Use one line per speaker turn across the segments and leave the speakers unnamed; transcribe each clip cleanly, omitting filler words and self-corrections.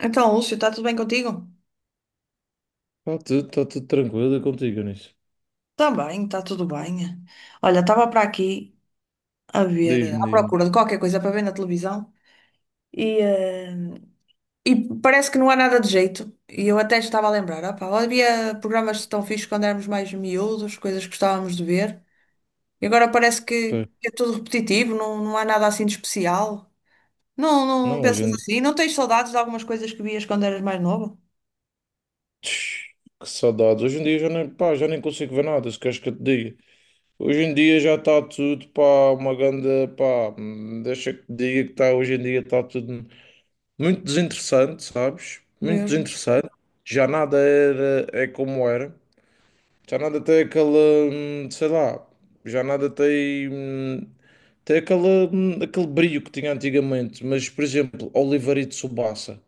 Então, Lúcio, está tudo bem contigo?
Tá tudo tranquilo contigo, nisso.
Também, está tudo bem. Olha, estava para aqui a ver, à
Diz-me, diz-me.
procura de qualquer coisa para ver na televisão e, eh, e parece que não há nada de jeito. E eu até estava a lembrar, opá, havia programas tão fixos quando éramos mais miúdos, coisas que gostávamos de ver. E agora parece que
Pá,
que é tudo repetitivo, não, não há nada assim de especial. Não, não
não, hoje
pensas
em dia.
assim? Não tens saudades de algumas coisas que vias quando eras mais novo?
Tch, Que saudades. Hoje em dia já nem, pá, já nem consigo ver nada, se queres que eu te diga. Hoje em dia já está tudo, pá, uma grande, pá, deixa que te diga que está, hoje em dia está tudo muito desinteressante, sabes? Muito
Mesmo.
desinteressante. Já nada era, é como era. Já nada tem aquela, sei lá, já nada tem, tem aquela, aquele brilho que tinha antigamente. Mas, por exemplo, Oliver e Tsubasa.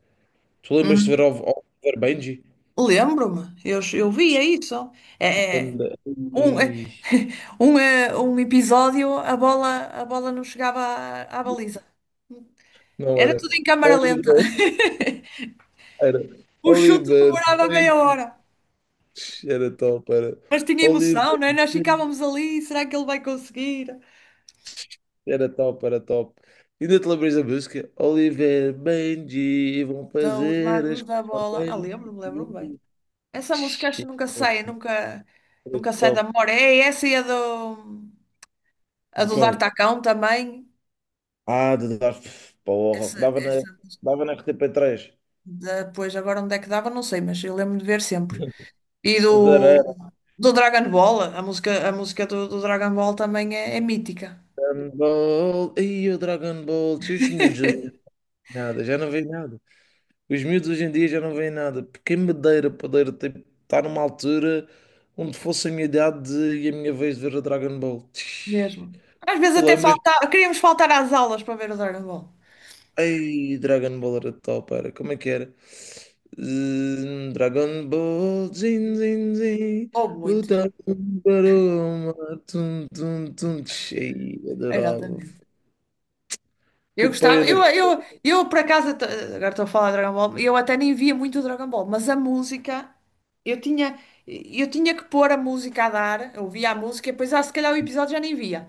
Tu lembras de ver
Uhum.
Oliver Benji?
Lembro-me, eu via isso. É, é.
Anda-
Um, eh,
Ih,
um episódio, a bola não chegava à baliza.
Não
Era tudo
era.
em câmara lenta.
Oliver, era.
O chute
Oliver
demorava meia
Benji.
hora.
Era top, era.
Mas tinha
Oliver
emoção, não é? Nós
Benji.
ficávamos ali, será que ele vai conseguir?
Era top, era top. Ainda te lembras da música? Oliver Benji vão
São os
fazer a
magos da
escola
bola. Ah,
Benji.
lembro-me, lembro-me bem. Essa música acho que
Shit,
nunca sai, nunca, nunca sai da
então.
memória. É essa e a do, a
De
do Dar
qual?
Tacão também.
Ah, de dar porra.
Essa,
Dava na,
essa
dava na RTP3.
depois, agora onde é que dava, não sei, mas eu lembro de ver sempre. E do,
Dragon
do Dragon Ball, a música do Dragon Ball também é mítica.
Ball. Ei, o Dragon Ball. Se os miúdos hoje em dia nada, já não veem nada. Os miúdos hoje em dia já não veem nada. Porque me dera poder tipo, estar numa altura onde fosse a minha idade e a minha vez de ver o Dragon Ball.
Mesmo. Às vezes
Tu
até
lembras?
faltava, queríamos faltar às aulas para ver o Dragon Ball.
Ei, Dragon Ball era top, era. Como é que era? Dragon Ball, Jin, Jin, Jin,
Houve muitos.
luta para o mar, tum, tum, tum, cheio, adorava.
Exatamente. Eu
Que
gostava, eu,
pena.
eu, eu por acaso, agora estou a falar de Dragon Ball, eu até nem via muito o Dragon Ball, mas a música, eu tinha, eu tinha que pôr a música a dar, eu via a música e depois, ah, se calhar o episódio já nem via.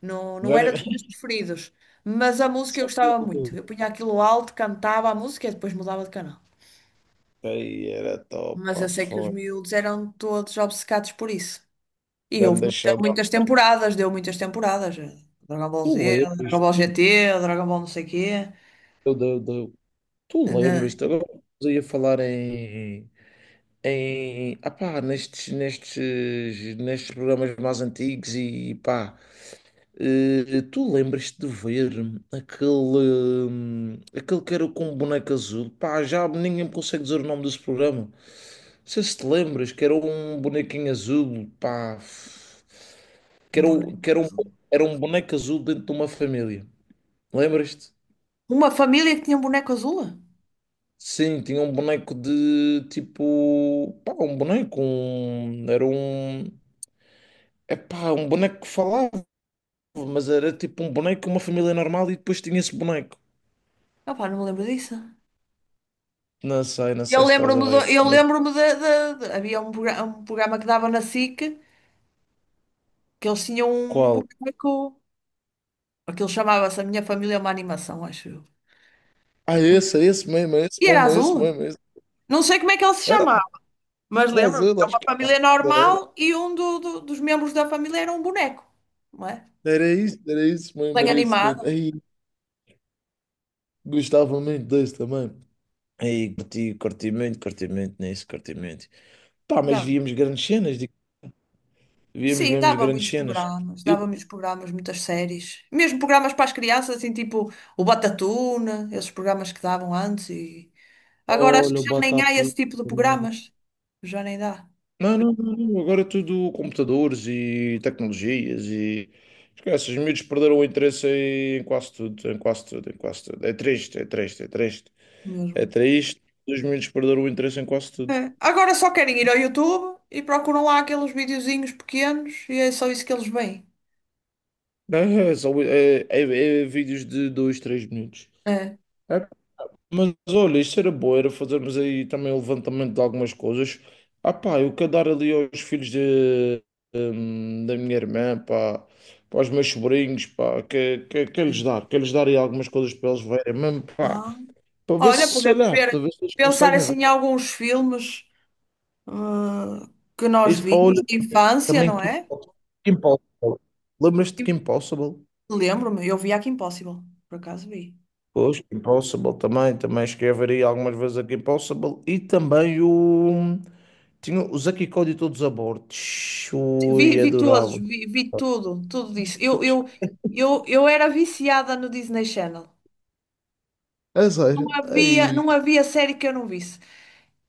Não, não
Já
era
nem-
dos meus preferidos, mas a música eu
Só que
gostava muito.
tipo,
Eu punha aquilo alto, cantava a música e depois mudava de canal.
era top,
Mas
pá,
eu sei que os
foi.
miúdos eram todos obcecados por isso. E houve
Ganda saudade.
muitas temporadas, deu muitas temporadas. Dragon Ball
Tu
Z, Dragon
lembras?
Ball GT, Dragon Ball não sei quê.
Eu, eu, eu, tu
Ainda...
lembras? Agora eu ia falar em ah pá, nestes programas mais antigos e pá. Tu lembras-te de ver aquele, que era com um boneco azul? Pá, já ninguém me consegue dizer o nome desse programa. Não sei se te lembras, que era um bonequinho azul, pá, que
Um
era, que
boneco azul.
era um boneco azul dentro de uma família. Lembras-te?
Uma família que tinha um boneco azul?
Sim, tinha um boneco de tipo, pá, um boneco, um, era um, é pá, um boneco que falava, mas era tipo um boneco, uma família normal e depois tinha esse boneco.
Opá, não me lembro disso.
Não sei, não
Eu
sei se estás a
lembro-me do,
ver,
eu
mas
lembro-me de, de- de- havia um programa que dava na SIC que eles tinham um
qual?
boneco. Aquilo chamava-se A Minha Família é uma Animação, acho eu.
Ah, esse, é esse mesmo, é esse
E era
mesmo, é esse
azul?
mesmo, é esse.
Não sei como é que ele se
Era
chamava,
do
mas lembro-me,
Brasil,
era
acho
uma
que
família
era. Era
normal e um dos membros da família era um boneco, não é?
Era isso, era isso mesmo,
Bem
era isso mesmo.
animado.
Aí, gostava muito desse também. Aí, curti, curti muito nisso, curti muito. Pá, mas
Dava.
víamos grandes cenas, digo, víamos
Sim,
mesmo grandes cenas. Eu,
dava muitos programas, muitas séries. Mesmo programas para as crianças, assim, tipo o Batatuna, esses programas que davam antes e... Agora acho
olha,
que
o
já nem há
Batata,
esse tipo de programas. Já nem dá
não, não, não, não, agora é tudo computadores e tecnologias e esquece, os miúdos perderam o interesse em quase tudo, em quase tudo, em quase tudo. É triste, é triste, é triste. É
mesmo.
triste, os miúdos perderam o interesse em quase tudo.
É. Agora só querem ir ao YouTube e procuram lá aqueles videozinhos pequenos e é só isso que eles veem.
É, é vídeos de dois três minutos.
É.
É. Mas olha, isto era bom, era fazermos aí também o levantamento de algumas coisas. Ah pá, eu quero dar ali aos filhos de, da minha irmã, pá, para os meus sobrinhos, pá, que lhes
Sim.
dar, que lhes dar aí algumas coisas para eles verem, mesmo, pá,
Ah.
para ver se,
Olha,
sei
podemos
lá,
ver,
para ver se eles
pensar
conseguem
assim
ver.
em alguns filmes, ah, que
É
nós
isso,
vimos
olha,
de infância,
também
não
Kim
é?
Possible. Kim Possible. Lembras-te
E
de Kim Possible?
lembro-me, eu vi Kim Impossible, por acaso vi.
Pois, Kim Possible também, também escreveria algumas vezes a Kim Possible e também o. Tinha o Zack e Cody todos a bordo.
Vi,
Ui,
vi todos,
adorava.
vi tudo, tudo disso. Eu era viciada no Disney Channel.
A
Não
sério.
havia,
Ai,
não havia série que eu não visse.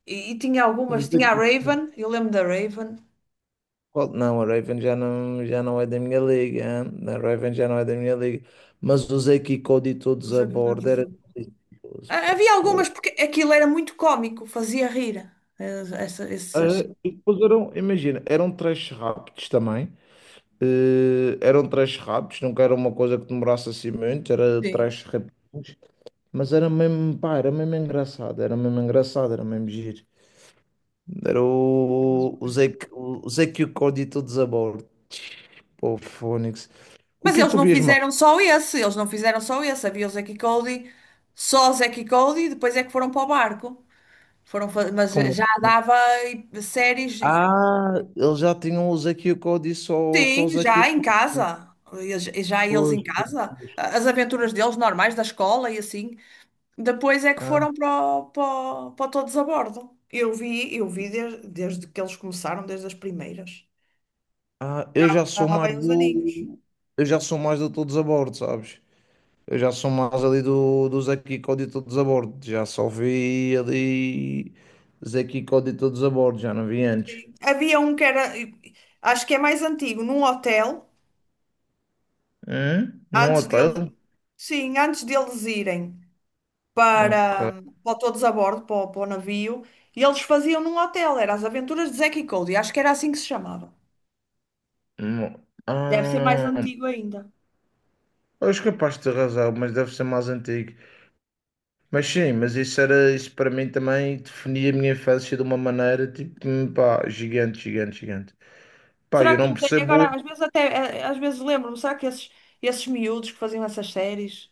E tinha
o
algumas,
Zack
tinha a
e Cody.
Raven, eu lembro da Raven.
Não, a Raven já não é da minha liga. Hein? A Raven já não é da minha liga. Mas o Zack e Cody todos a bordo era delicioso,
Ah,
pá,
havia algumas
fogo.
porque aquilo era muito cómico, fazia rir. eh, essa- essas-
Ah, e depois eram, imagina, eram trash rápidos também. Eram trash rápidos, nunca era uma coisa que demorasse assim muito, era
Sim.
trash rápidos. Mas era mesmo, pá, era mesmo engraçado, era mesmo engraçado, era mesmo giro. Era o Zé que o Código todos a bordo. Pô, Fónix. O
Mas
que é que
eles
tu
não
vias mais?
fizeram só esse, eles não fizeram só esse. Havia o Zack e Cody, só o Zack e Cody, e depois é que foram para o barco. Foram, mas
Como
já
assim?
dava séries,
Ah, eles já tinham o Zé que o Código só o
sim,
Zé
já
que
em
o.
casa. Já eles
Pois,
em
pois,
casa,
pois.
as aventuras deles normais da escola e assim. Depois é que
Ah,
foram o- para, para o todos a bordo. Eu vi desde que eles começaram, desde as primeiras. Já
eu já sou
há
mais
bem uns aninhos.
do. Eu já sou mais do todos a bordo, sabes? Eu já sou mais ali do Zé que o Código todos a bordo. Já só vi ali Zé que o Código todos a bordo, já não vi antes.
Havia um que era, acho que é mais antigo, num hotel,
Hum? Num
antes
hotel?
dele, sim, antes deles irem
Ok.
para o todos a bordo, para o navio, e eles faziam num hotel, era As Aventuras de Zack e Cody, acho que era assim que se chamava.
Hum,
Deve ser mais
Ah,
antigo ainda.
eu acho capaz de ter razão, mas deve ser mais antigo. Mas sim, mas isso era, isso para mim também definia a minha infância de uma maneira tipo, pá, gigante, gigante, gigante. Pá, eu
Será que,
não
não sei,
percebo
agora
hoje,
às vezes até, às vezes lembro-me, será que esses, miúdos que faziam essas séries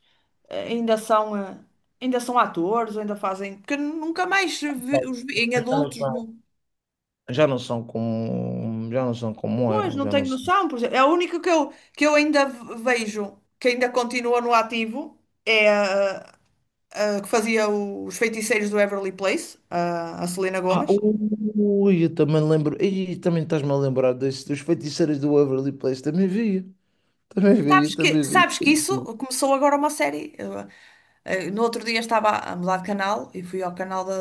eh, ainda são, eh, ainda são atores, ou ainda fazem, porque nunca mais
pá,
os vi em
mas
adultos, não-
já não são como, já não são como
Pois,
eram,
não
já não
tenho
são.
noção, por exemplo, é a única que eu ainda vejo, que ainda continua no ativo, é a que fazia os feiticeiros do Everly Place, a Selena
Ah,
Gomez.
ui, eu também lembro, e também estás-me a lembrar desse, dos feiticeiros do Waverly Place, também via, também
Sabes
via,
que,
também
sabes
via.
que isso começou agora uma série. Eu, no outro dia estava a mudar de canal e fui ao canal da,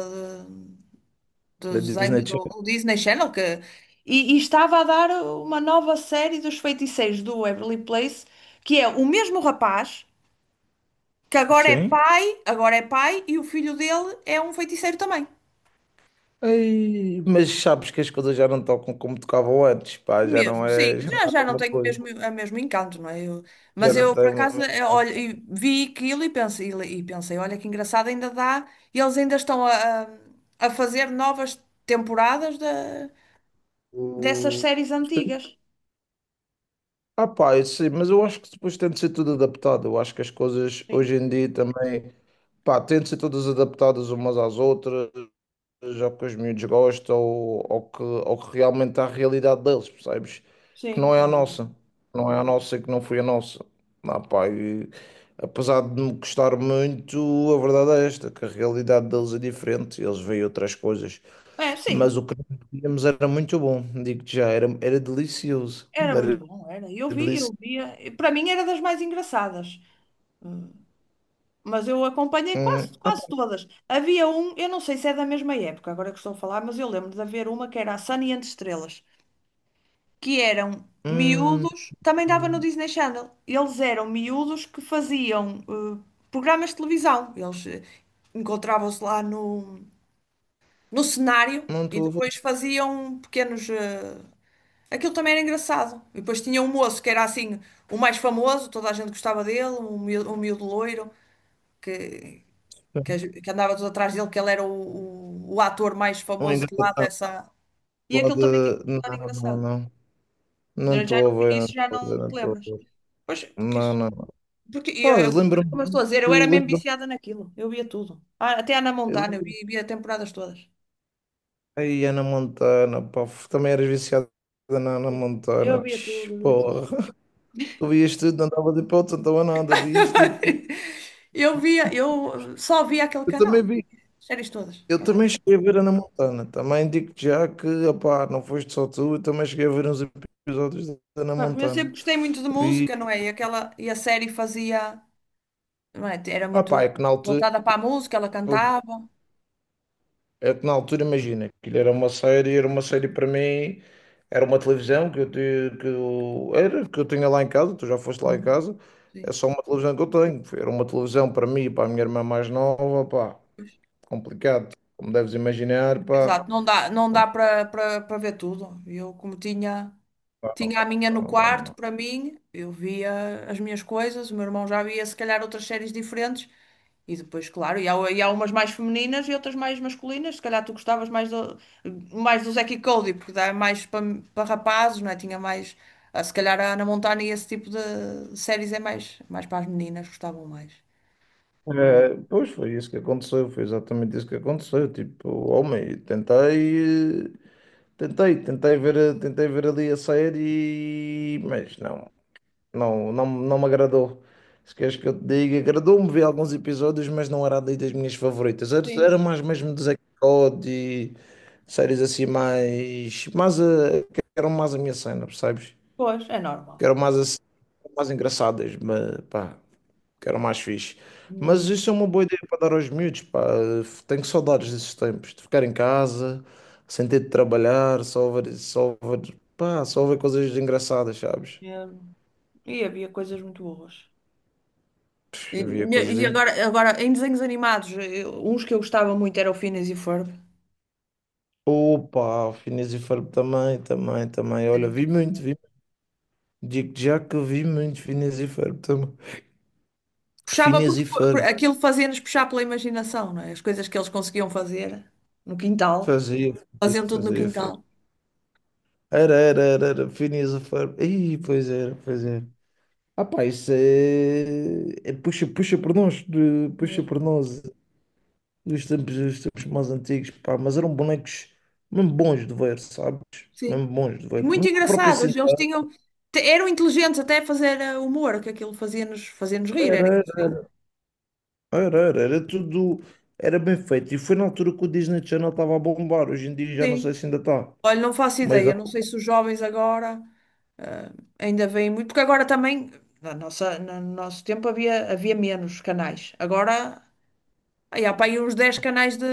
do,
Da Disney
desenho- do-
Channel,
do Disney Channel, e estava a dar uma nova série dos feiticeiros do Waverly Place, que é o mesmo rapaz, que
sim.
agora é pai, e o filho dele é um feiticeiro também.
Ei, mas sabes que as coisas já não tocam como tocavam antes, pá, já não
Mesmo, sim,
é, já não
já,
é
já
a
não
mesma
tenho o
coisa,
mesmo, o mesmo encanto, não é?
já
Mas
não
eu, por
tem o
acaso,
mesmo.
olha, e vi aquilo e pensei, olha que engraçado, ainda dá, e eles ainda estão a fazer novas temporadas dessas séries
Sim.
antigas.
Ah, pá, eu sei, mas eu acho que depois tem de ser tudo adaptado. Eu acho que as coisas
Sim,
hoje em dia também, pá, têm de ser todas adaptadas umas às outras, ao que os miúdos gostam ou ao que realmente é a realidade deles, percebes? Que
sim.
não é
É,
a nossa,
verdade.
não é a nossa e que não foi a nossa. Ah, pá, e, apesar de me gostar muito, a verdade é esta, que a realidade deles é diferente, eles veem outras coisas.
É,
Mas
sim.
o que nós víamos era muito bom, digo-te já, era delicioso,
Era muito
era
bom, era. Eu vi, eu
delicioso.
via. E para mim era das mais engraçadas. Hum, Mas eu acompanhei quase,
Hum, ah, pá,
quase todas. Havia um, eu não sei se é da mesma época, agora que estou a falar, mas eu lembro de haver uma que era a Sunny and Estrelas, que eram
hum,
miúdos, também dava no
hum,
Disney Channel. Eles eram miúdos que faziam programas de televisão. Eles encontravam-se lá no cenário
não
e
estou a
depois
ver.
faziam pequenos. Aquilo também era engraçado. E depois tinha um moço que era assim, o mais famoso, toda a gente gostava dele, um miúdo loiro, que, que andava tudo atrás dele, que ele era o ator mais
O
famoso de lá
engravatado
dessa. E aquilo
pode.
também tinha uma história
Não, não,
engraçada.
não. Não
Eu já
estou
não,
a ver, não
isso já
estou a
não
ver, não
te
estou
lembras.
a ver.
Pois, porque
Não,
isso.
não.
Porque,
Pá,
como eu estou
lembro-me
a dizer, eu era
do.
mesmo
Lembro-me.
viciada naquilo. Eu via tudo. Ah, até Ana
eu
Montana, eu
lembro-me-
via temporadas todas.
Ai, Ana Montana, pá, também eras viciada na Ana Montana,
Eu via tudo, eu via tudo.
porra. Tu vias tudo, não dava de hipótese, não dava nada, vias tudo.
Eu via, eu só via aquele
Eu também
canal.
vi,
Séries todas.
eu
quando era-
também cheguei a ver Ana Montana. Também digo-te já que, opá, não foste só tu, eu também cheguei a ver uns episódios da Ana
Pá, porque eu sempre
Montana.
gostei muito de
Vi,
música, não é? E, aquela, e a série fazia. Não é? Era
opá,
muito
é que na altura.
voltada para a música, ela cantava.
É que na altura, imagina, que era uma série para mim, era uma televisão que eu, era, que eu tinha lá em casa, tu já foste lá em
Hum.
casa, é
Sim.
só uma televisão que eu tenho. Era uma televisão para mim e para a minha irmã mais nova, pá,
Pois.
complicado, como deves imaginar, pá.
Exato, não dá, não
Não
dá para ver tudo. Eu, como tinha, a minha
dá,
no
não dá, não
quarto,
dá.
para mim, eu via as minhas coisas, o meu irmão já via se calhar outras séries diferentes. E depois, claro, e há umas mais femininas e outras mais masculinas. Se calhar tu gostavas mais do Zack e Cody, porque dá mais para rapazes, não é? Tinha mais. Ah, se calhar a Hannah Montana e esse tipo de séries é mais, mais para as meninas, gostavam mais.
É, pois foi isso que aconteceu, foi exatamente isso que aconteceu. Tipo, homem, tentei ver ali a série, mas não. Não, não, não me agradou. Se queres que eu te diga, agradou-me ver alguns episódios, mas não era ali das minhas favoritas. Era
Sim,
mais mesmo de Zack Code e séries assim mais, que eram mais a minha cena, percebes?
pois, é normal.
Que eram mais assim, mais engraçadas, mas pá, que eram mais fixe. Mas
Hum,
isso é uma boa ideia para dar aos miúdos, pá. Tenho saudades desses tempos, de ficar em casa, sem ter de trabalhar, só ver, pá, só ver coisas engraçadas, sabes?
é. E havia coisas muito boas. E,
Havia
e
coisas
agora,
incríveis.
em desenhos animados, uns que eu gostava muito era o Phineas e o Ferb.
Opa, o Phineas e Ferb também, também, também.
Era
Olha, vi muito,
incrível.
vi. Digo já que eu vi muito Phineas e Ferb também.
Puxava
Phineas e
porque
Ferb.
aquilo fazia-nos puxar pela imaginação, não é? As coisas que eles conseguiam fazer no quintal,
Fazia,
faziam
fazia,
tudo no
fazia.
quintal
Era, era, era, era. Phineas e Ferb. Pois era, pois era. Ah pá, isso é puxa, puxa por nós. Puxa
mesmo.
por nós. Dos tempos mais antigos, pá. Mas eram bonecos mesmo bons de ver, sabes?
Sim.
Mesmo bons de
E
ver.
muito
Mesmo a própria
engraçados, eles
cidade.
tinham, eram inteligentes até a fazer humor, que aquilo fazia-nos rir. Era engraçado.
Era, era, era tudo, era bem feito. E foi na altura que o Disney Channel estava a bombar. Hoje em dia já não sei
Sim.
se ainda está.
Olha, não faço
Mas
ideia, não sei se os jovens agora eh, ainda veem muito, porque agora também, na nossa, no nosso tempo havia, menos canais. Agora, aí há para aí uns 10 canais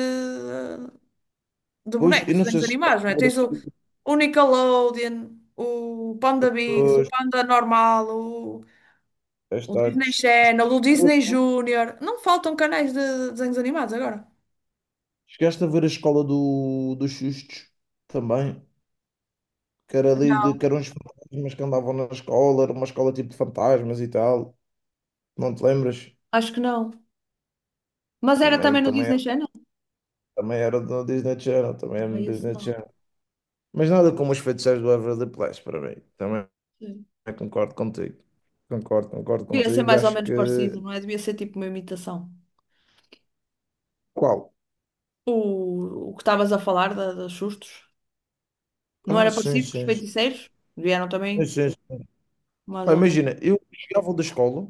de
depois,
bonecos,
eu não
desenhos
sei se
animados, não é? Tens o, o Nickelodeon, o Panda Bigs, o
as
Panda Normal, o Disney Channel, o Disney Junior. Não faltam canais de desenhos animados agora.
chegaste a ver a escola dos sustos também, que era, que eram uns fantasmas que andavam na escola, era uma escola tipo de fantasmas e tal. Não te lembras?
Acho que não. Mas era
Também,
também no
também,
Disney Channel?
também era do Disney Channel, também era
Não, é
do
esse
Disney
não.
Channel. Mas nada como os feiticeiros do Waverly Place para mim. Também.
Sim.
Eu concordo contigo. Concordo, concordo
Devia ser
contigo.
mais ou
Acho
menos
que.
parecido, não é? Devia ser tipo uma imitação.
Qual?
O que estavas a falar dos sustos. Não
Ah,
era
sim,
parecido com os
sim, sim.
feiticeiros? Vieram
Sim,
também
sim, sim.
mais
Pá,
ou menos.
imagina, eu chegava da escola,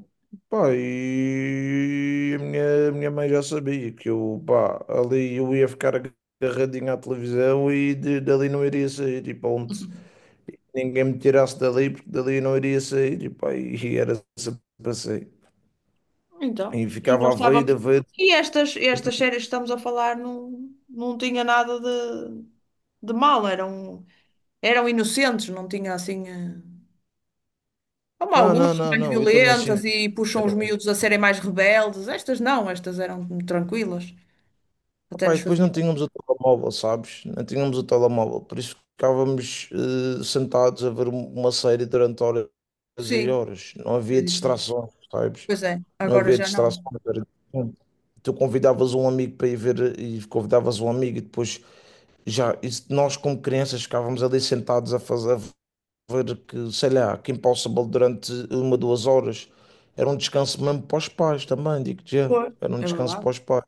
pá, e a minha mãe já sabia que eu, pá, ali eu ia ficar agarradinho à televisão e dali não iria sair. E pronto, ninguém me tirasse dali, porque dali eu não iria sair. E, pá, e era sempre assim.
Então,
E
e
ficava
nós
a ver,
estávamos.
a ver.
E estas séries que estamos a falar não, não tinha nada de mal, eram inocentes, não tinha assim. Como
Não, não,
algumas são
não,
mais
não, eu também
violentas
sinto.
e puxam os miúdos a serem mais rebeldes, estas não, estas eram tranquilas, até
Pá, e
nos
depois não
faziam.
tínhamos o telemóvel, sabes? Não tínhamos o telemóvel, por isso ficávamos sentados a ver uma série durante horas e
Sim,
horas. Não
é
havia
diferente.
distrações, sabes?
Pois é,
Não
agora
havia
já não.
distrações. Era diferente. Tu convidavas um amigo para ir ver e convidavas um amigo e depois nós como crianças ficávamos ali sentados a fazer a ver que, sei lá, que Impossible durante uma, 2 horas. Era um descanso mesmo para os pais também, digo-te já.
Pois.
Era um
É
descanso
verdade.
para os pais.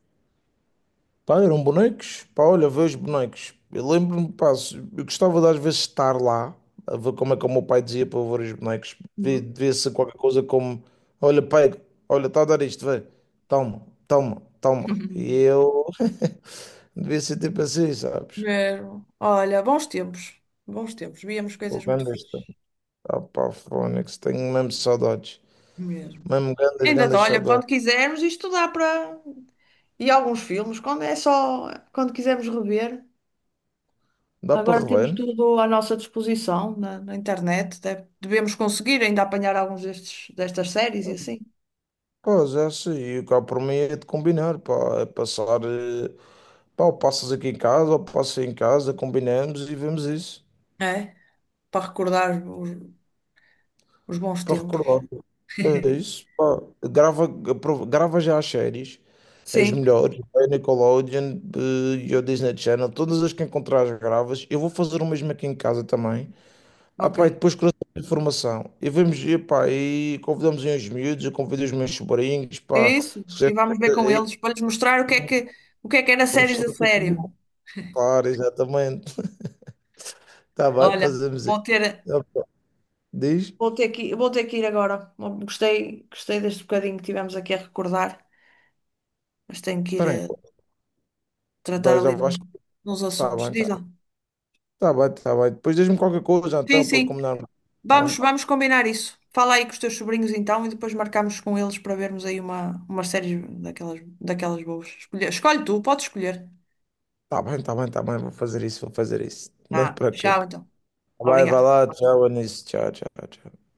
Pá, eram bonecos. Pá, olha, vê os bonecos. Eu lembro-me, pá, eu gostava de às vezes estar lá, a ver como é que o meu pai dizia para eu ver os bonecos. Devia
Uhum.
devia ser qualquer coisa como: olha, pai, olha, está a dar isto, vê, toma, toma, toma. E eu devia ser tipo assim, sabes?
Mesmo. Olha, bons tempos, víamos
O
coisas muito
Gandas,
fixes.
ah, pá, Fónix, tenho mesmo saudades.
Mesmo.
Mesmo Gandas,
Ainda, dá,
Gandas
olha, quando
saudades.
quisermos estudar para. E alguns filmes, quando é só. Quando quisermos rever.
Dá para
Agora temos
rever, né?
tudo à nossa disposição na internet. Devemos conseguir ainda apanhar alguns destas séries e assim.
Pá, já sei, e cá por mim é de combinar, pá, é passar. Pá, ou passas aqui em casa, ou passas aí em casa, combinamos e vemos isso
É? Para recordar os bons
para
tempos.
recordar. É isso, pá. Grava já as séries, as
Sim,
melhores, a Nickelodeon e o Disney Channel, todas as que encontrares gravas. Eu vou fazer o mesmo aqui em casa também. Ah,
ok.
pá, e depois cruzamos a informação. E vamos, e, pá, e convidamos aí os miúdos, eu convido os meus sobrinhos, pá.
Isso.
Se
E
quiser,
vamos ver com
aí
eles para lhes mostrar o que é que era
vamos
séries a
fazer o que eu
sério.
tenho. Claro, exatamente. Está bem,
Olha,
fazemos isso.
vou ter,
Ah, pá, diz,
vou ter que ir agora. Gostei deste bocadinho que tivemos aqui a recordar. Mas tenho que ir
espera aí.
a tratar
Dá, já
ali de
vais.
uns
Tá
assuntos.
bem, tá,
Diz
bem,
lá.
tá bem, tá bem. Depois diz-me qualquer coisa,
Sim,
então, para
sim.
combinar. Tá
Vamos,
bem,
vamos combinar isso. Fala aí com os teus sobrinhos então e depois marcamos com eles para vermos aí uma série daquelas boas. Escolhe, escolhe tu, podes escolher.
tá bem, tá bem, tá bem. Vou fazer isso, vou fazer isso. Não te
Tá, tchau
preocupes.
então.
Vai, vai
Obrigada.
lá, tchau, Anísio. Tchau, tchau, tchau.